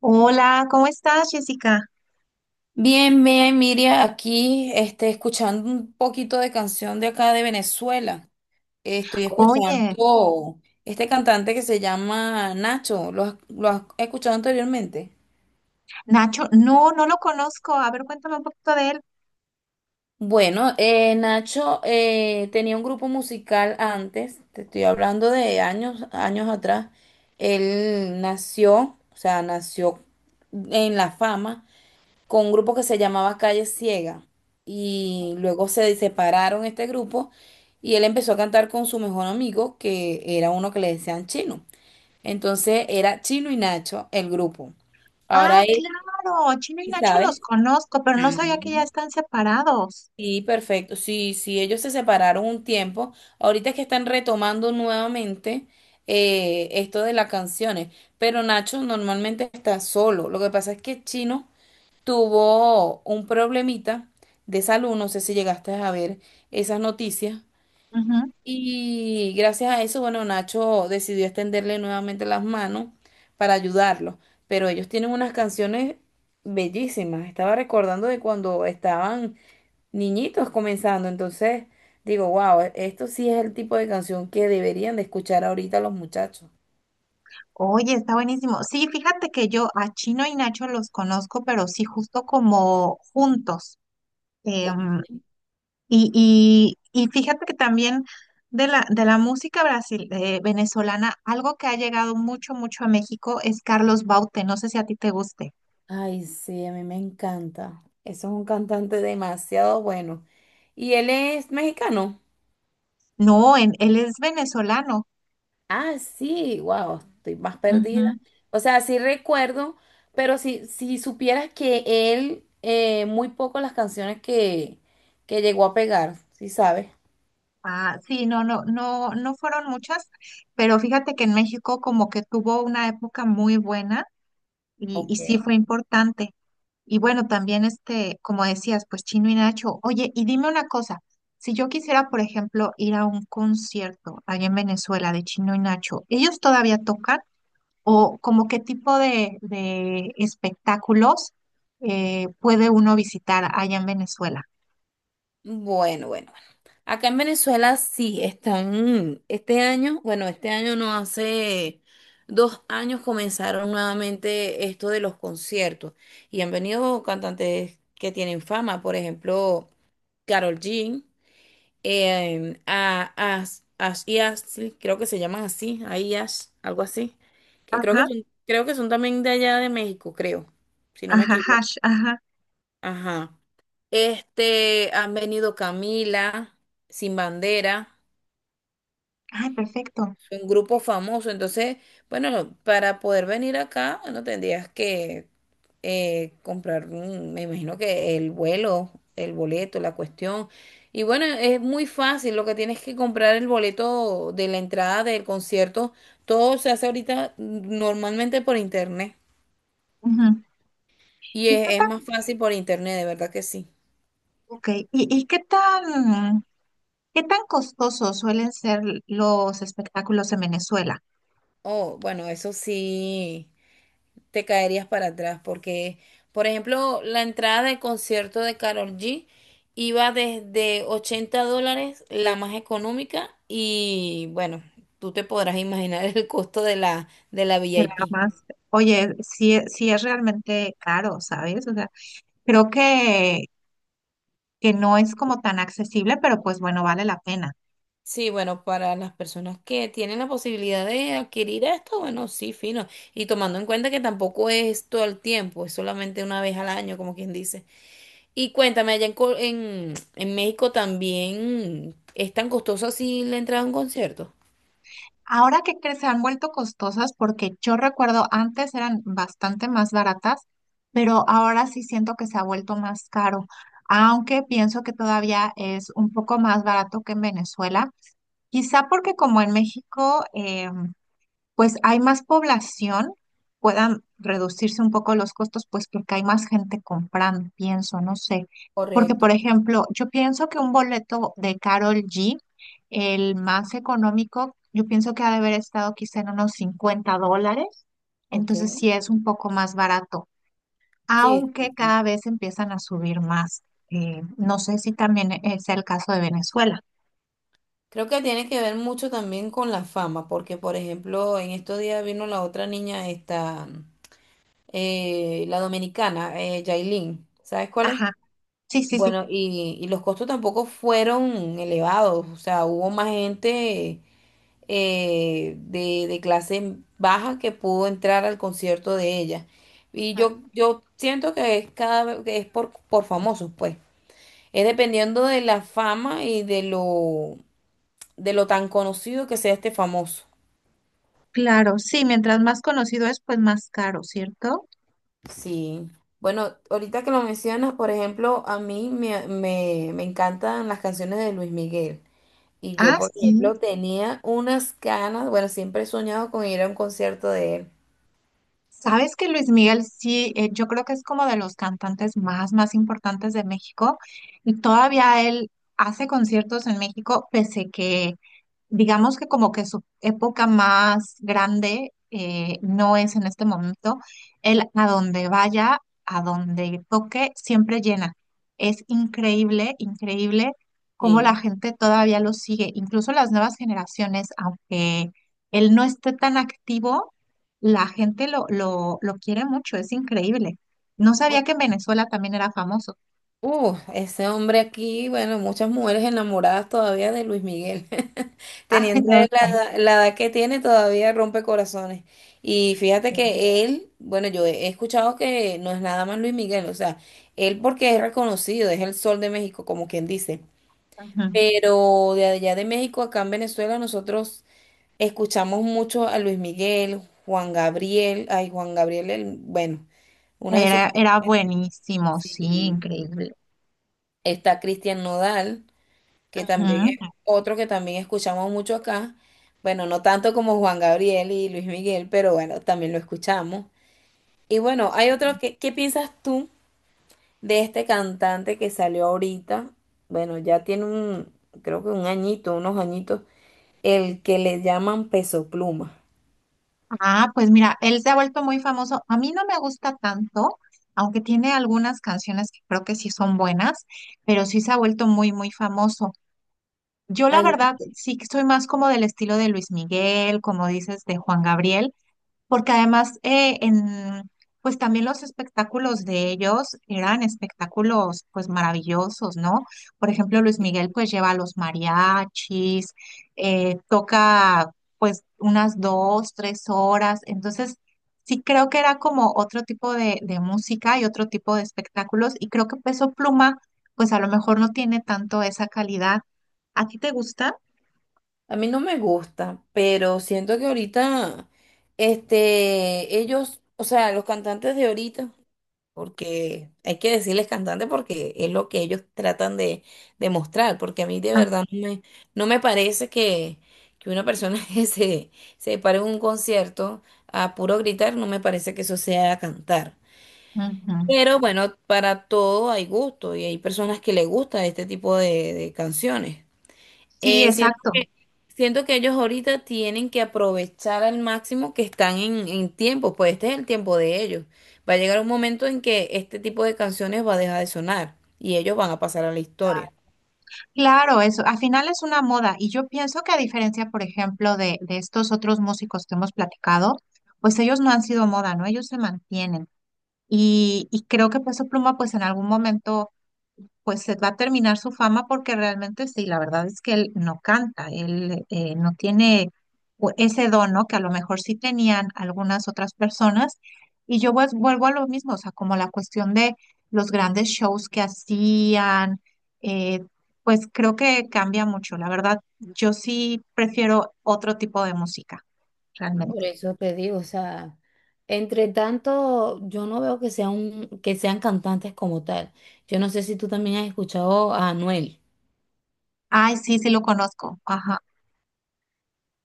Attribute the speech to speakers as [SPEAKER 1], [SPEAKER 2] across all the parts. [SPEAKER 1] Hola, ¿cómo estás, Jessica?
[SPEAKER 2] Bien, bien, Miria, aquí este, escuchando un poquito de canción de acá de Venezuela. Estoy
[SPEAKER 1] Oye,
[SPEAKER 2] escuchando este cantante que se llama Nacho. ¿Lo has escuchado anteriormente?
[SPEAKER 1] Nacho, no, no lo conozco. A ver, cuéntame un poquito de él.
[SPEAKER 2] Bueno, Nacho tenía un grupo musical antes, te estoy hablando de años, años atrás. Él nació, o sea, nació en la fama con un grupo que se llamaba Calle Ciega. Y luego se separaron este grupo y él empezó a cantar con su mejor amigo, que era uno que le decían Chino. Entonces era Chino y Nacho el grupo.
[SPEAKER 1] Ah,
[SPEAKER 2] Ahora él,
[SPEAKER 1] claro, Chino y Nacho
[SPEAKER 2] ¿sabes?
[SPEAKER 1] los conozco, pero no sabía que ya están separados.
[SPEAKER 2] Sí, perfecto. Sí, sí, ellos se separaron un tiempo. Ahorita es que están retomando nuevamente esto de las canciones, pero Nacho normalmente está solo. Lo que pasa es que Chino tuvo un problemita de salud, no sé si llegaste a ver esas noticias.
[SPEAKER 1] Ujú.
[SPEAKER 2] Y gracias a eso, bueno, Nacho decidió extenderle nuevamente las manos para ayudarlo. Pero ellos tienen unas canciones bellísimas. Estaba recordando de cuando estaban niñitos comenzando. Entonces, digo, wow, esto sí es el tipo de canción que deberían de escuchar ahorita los muchachos.
[SPEAKER 1] Oye, está buenísimo. Sí, fíjate que yo a Chino y Nacho los conozco, pero sí justo como juntos. Em, y, y fíjate que también de la música brasil, venezolana, algo que ha llegado mucho, mucho a México es Carlos Baute. No sé si a ti te guste.
[SPEAKER 2] Ay, sí, a mí me encanta. Eso es un cantante demasiado bueno. ¿Y él es mexicano?
[SPEAKER 1] No, él es venezolano.
[SPEAKER 2] Ah, sí, wow, estoy más perdida.
[SPEAKER 1] Ujú.
[SPEAKER 2] O sea, sí recuerdo, pero si supieras que él, muy poco las canciones que llegó a pegar, ¿sí sabes?
[SPEAKER 1] Ah, sí, no, no, no, no fueron muchas, pero fíjate que en México como que tuvo una época muy buena y
[SPEAKER 2] Ok.
[SPEAKER 1] sí fue importante. Y bueno, también este, como decías, pues Chino y Nacho. Oye, y dime una cosa, si yo quisiera, por ejemplo, ir a un concierto allá en Venezuela de Chino y Nacho, ¿ellos todavía tocan? O como qué tipo de espectáculos puede uno visitar allá en Venezuela.
[SPEAKER 2] Bueno, bueno. Acá en Venezuela sí están, este año, bueno, este año no, hace 2 años comenzaron nuevamente esto de los conciertos y han venido cantantes que tienen fama, por ejemplo, Karol G, y Ashley, creo que se llaman así, ahí Ash, algo así, que creo que
[SPEAKER 1] Ajá,
[SPEAKER 2] son, creo que son también de allá de México, creo, si no me
[SPEAKER 1] ajá,
[SPEAKER 2] equivoco.
[SPEAKER 1] hash, ajá.
[SPEAKER 2] Ajá. Este, han venido Camila, Sin Bandera.
[SPEAKER 1] Ay, perfecto.
[SPEAKER 2] Un grupo famoso. Entonces, bueno, para poder venir acá, bueno, tendrías que comprar, un- me imagino que el vuelo, el boleto, la cuestión. Y bueno, es muy fácil, lo que tienes que comprar el boleto de la entrada del concierto, todo se hace ahorita normalmente por internet.
[SPEAKER 1] Ujú.
[SPEAKER 2] Y
[SPEAKER 1] ¿Y qué
[SPEAKER 2] es
[SPEAKER 1] tan,
[SPEAKER 2] más fácil por internet, de verdad que sí.
[SPEAKER 1] okay. ¿Y qué tan costosos suelen ser los espectáculos en Venezuela?
[SPEAKER 2] Oh, bueno, eso sí. Te caerías para atrás, porque, por ejemplo, la entrada del concierto de Karol G iba desde $80, la más económica, y bueno, tú te podrás imaginar el costo de la V
[SPEAKER 1] De
[SPEAKER 2] I
[SPEAKER 1] la
[SPEAKER 2] P
[SPEAKER 1] más. Oye, sí, sí es realmente caro, ¿sabes? O sea, creo que no es como tan accesible, pero pues bueno, vale la pena.
[SPEAKER 2] Sí, bueno, para las personas que tienen la posibilidad de adquirir esto, bueno, sí, fino. Y tomando en cuenta que tampoco es todo el tiempo, es solamente una vez al año, como quien dice. Y cuéntame, allá en, en México también es tan costoso así la entrada a un concierto.
[SPEAKER 1] Ahora que se han vuelto costosas, porque yo recuerdo antes eran bastante más baratas, pero ahora sí siento que se ha vuelto más caro. Aunque pienso que todavía es un poco más barato que en Venezuela, quizá porque como en México pues hay más población, puedan reducirse un poco los costos, pues porque hay más gente comprando, pienso, no sé. Porque, por
[SPEAKER 2] Correcto.
[SPEAKER 1] ejemplo, yo pienso que un boleto de Carol G, el más económico, yo pienso que ha de haber estado quizá en unos $50,
[SPEAKER 2] Ok.
[SPEAKER 1] entonces sí es un poco más barato,
[SPEAKER 2] Sí,
[SPEAKER 1] aunque
[SPEAKER 2] sí, sí.
[SPEAKER 1] cada vez empiezan a subir más. No sé si también sea el caso de Venezuela.
[SPEAKER 2] Creo que tiene que ver mucho también con la fama, porque por ejemplo, en estos días vino la otra niña, esta, la dominicana, Yailin. ¿Sabes cuál es?
[SPEAKER 1] Ajá, sí, sí, sí.
[SPEAKER 2] Bueno, y los costos tampoco fueron elevados, o sea, hubo más gente de, clase baja que pudo entrar al concierto de ella. Y yo siento que es cada vez que es por, famosos, pues. Es dependiendo de la fama y de lo tan conocido que sea este famoso.
[SPEAKER 1] Claro, sí, mientras más conocido es, pues más caro, ¿cierto?
[SPEAKER 2] Sí. Bueno, ahorita que lo mencionas, por ejemplo, a mí me encantan las canciones de Luis Miguel. Y yo,
[SPEAKER 1] Ah,
[SPEAKER 2] por
[SPEAKER 1] sí.
[SPEAKER 2] ejemplo, tenía unas ganas, bueno, siempre he soñado con ir a un concierto de él.
[SPEAKER 1] Sabes que Luis Miguel, sí, yo creo que es como de los cantantes más, más importantes de México y todavía él hace conciertos en México, pese que digamos que como que su época más grande no es en este momento. Él a donde vaya, a donde toque, siempre llena. Es increíble, increíble cómo la
[SPEAKER 2] Sí.
[SPEAKER 1] gente todavía lo sigue. Incluso las nuevas generaciones, aunque él no esté tan activo, la gente lo quiere mucho. Es increíble. No sabía que en Venezuela también era famoso.
[SPEAKER 2] Ese hombre aquí, bueno, muchas mujeres enamoradas todavía de Luis Miguel,
[SPEAKER 1] Ay,
[SPEAKER 2] teniendo la,
[SPEAKER 1] no, sí,
[SPEAKER 2] la edad que tiene, todavía rompe corazones. Y fíjate
[SPEAKER 1] sí.
[SPEAKER 2] que él, bueno, yo he escuchado que no es nada más Luis Miguel, o sea, él porque es reconocido, es el sol de México, como quien dice.
[SPEAKER 1] Ujú.
[SPEAKER 2] Pero de allá de México, acá en Venezuela, nosotros escuchamos mucho a Luis Miguel, Juan Gabriel, ay, Juan Gabriel, el- bueno, una de sus...
[SPEAKER 1] Era, era buenísimo, sí,
[SPEAKER 2] Sí.
[SPEAKER 1] increíble.
[SPEAKER 2] Está Cristian Nodal. Que también es
[SPEAKER 1] Ujú.
[SPEAKER 2] otro que también escuchamos mucho acá. Bueno, no tanto como Juan Gabriel y Luis Miguel, pero bueno, también lo escuchamos. Y bueno, hay otro que, ¿qué piensas tú de este cantante que salió ahorita? Bueno, ya tiene un, creo que un añito, unos añitos, el que le llaman Peso Pluma.
[SPEAKER 1] Ah, pues mira, él se ha vuelto muy famoso. A mí no me gusta tanto, aunque tiene algunas canciones que creo que sí son buenas, pero sí se ha vuelto muy, muy famoso. Yo la
[SPEAKER 2] A mí,
[SPEAKER 1] verdad sí que soy más como del estilo de Luis Miguel, como dices, de Juan Gabriel. Porque además, pues también los espectáculos de ellos eran espectáculos pues maravillosos, ¿no? Por ejemplo, Luis Miguel pues lleva a los mariachis, toca pues unas 2, 3 horas, entonces sí creo que era como otro tipo de música y otro tipo de espectáculos y creo que Peso Pluma pues a lo mejor no tiene tanto esa calidad. ¿A ti te gusta?
[SPEAKER 2] a mí no me gusta, pero siento que ahorita, este, ellos, o sea, los cantantes de ahorita porque hay que decirles cantante porque es lo que ellos tratan de, mostrar, porque a mí de
[SPEAKER 1] Ah.
[SPEAKER 2] verdad no me, no me parece que una persona que se pare en un concierto a puro gritar, no me parece que eso sea cantar.
[SPEAKER 1] Ujú.
[SPEAKER 2] Pero bueno, para todo hay gusto y hay personas que le gusta este tipo de, canciones.
[SPEAKER 1] Sí,
[SPEAKER 2] Siento
[SPEAKER 1] exacto.
[SPEAKER 2] que, siento que ellos ahorita tienen que aprovechar al máximo que están en tiempo, pues este es el tiempo de ellos. Va a llegar un momento en que este tipo de canciones va a dejar de sonar y ellos van a pasar a la historia.
[SPEAKER 1] Claro, eso, al final es una moda y yo pienso que a diferencia, por ejemplo, de estos otros músicos que hemos platicado, pues ellos no han sido moda, ¿no? Ellos se mantienen y creo que Peso Pluma pues en algún momento pues se va a terminar su fama porque realmente sí, la verdad es que él no canta, él no tiene ese don, ¿no? Que a lo mejor sí tenían algunas otras personas. Y yo pues, vuelvo a lo mismo, o sea, como la cuestión de los grandes shows que hacían, eh, pues creo que cambia mucho. La verdad, yo sí prefiero otro tipo de música,
[SPEAKER 2] Por
[SPEAKER 1] realmente.
[SPEAKER 2] eso te digo, o sea, entre tanto, yo no veo que sea un- que sean cantantes como tal. Yo no sé si tú también has escuchado a Anuel.
[SPEAKER 1] Ay, sí, sí lo conozco. Ajá.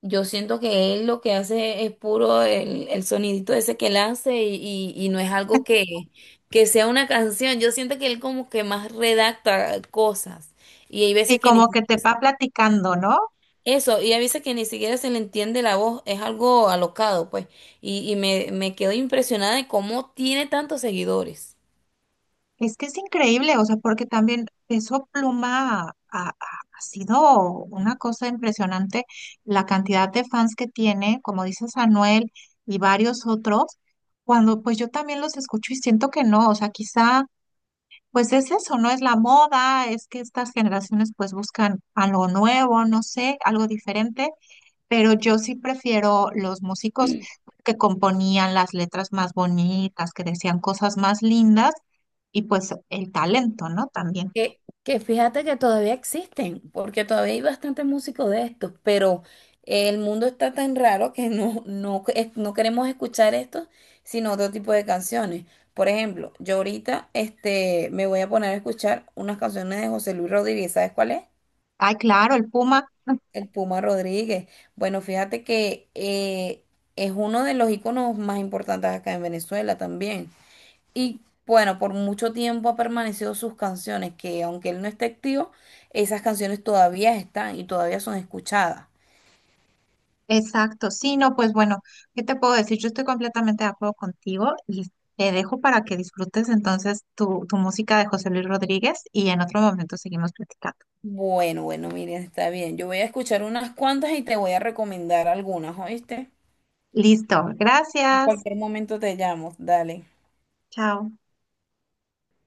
[SPEAKER 2] Yo siento que él lo que hace es puro el, sonidito ese que él hace y no es algo que sea una canción. Yo siento que él como que más redacta cosas y hay
[SPEAKER 1] Sí,
[SPEAKER 2] veces que ni
[SPEAKER 1] como
[SPEAKER 2] si,
[SPEAKER 1] que te va platicando, ¿no?
[SPEAKER 2] eso, y hay veces que ni siquiera se le entiende la voz, es algo alocado, pues. Y me quedo impresionada de cómo tiene tantos seguidores.
[SPEAKER 1] Es que es increíble, o sea, porque también Peso Pluma ha sido una cosa impresionante la cantidad de fans que tiene, como dices, Anuel y varios otros, cuando pues yo también los escucho y siento que no, o sea, quizá pues es eso, no es la moda, es que estas generaciones pues buscan algo nuevo, no sé, algo diferente, pero yo sí prefiero los músicos que componían las letras más bonitas, que decían cosas más lindas y pues el talento, ¿no? También.
[SPEAKER 2] Que fíjate que todavía existen, porque todavía hay bastantes músicos de estos, pero el mundo está tan raro que no, no queremos escuchar estos, sino otro tipo de canciones. Por ejemplo, yo ahorita este, me voy a poner a escuchar unas canciones de José Luis Rodríguez. ¿Sabes cuál es?
[SPEAKER 1] Ay, claro, el Puma,
[SPEAKER 2] El Puma Rodríguez. Bueno, fíjate que es uno de los íconos más importantes acá en Venezuela también. Y bueno, por mucho tiempo ha permanecido sus canciones, que aunque él no esté activo, esas canciones todavía están y todavía son escuchadas.
[SPEAKER 1] exacto. Sí, no, pues bueno, ¿qué te puedo decir? Yo estoy completamente de acuerdo contigo y te dejo para que disfrutes entonces tu música de José Luis Rodríguez y en otro momento seguimos platicando.
[SPEAKER 2] Bueno, bueno, miren, está bien. Yo voy a escuchar unas cuantas y te voy a recomendar algunas, ¿oíste?
[SPEAKER 1] Listo,
[SPEAKER 2] En
[SPEAKER 1] gracias.
[SPEAKER 2] cualquier momento te llamo, dale.
[SPEAKER 1] Chao.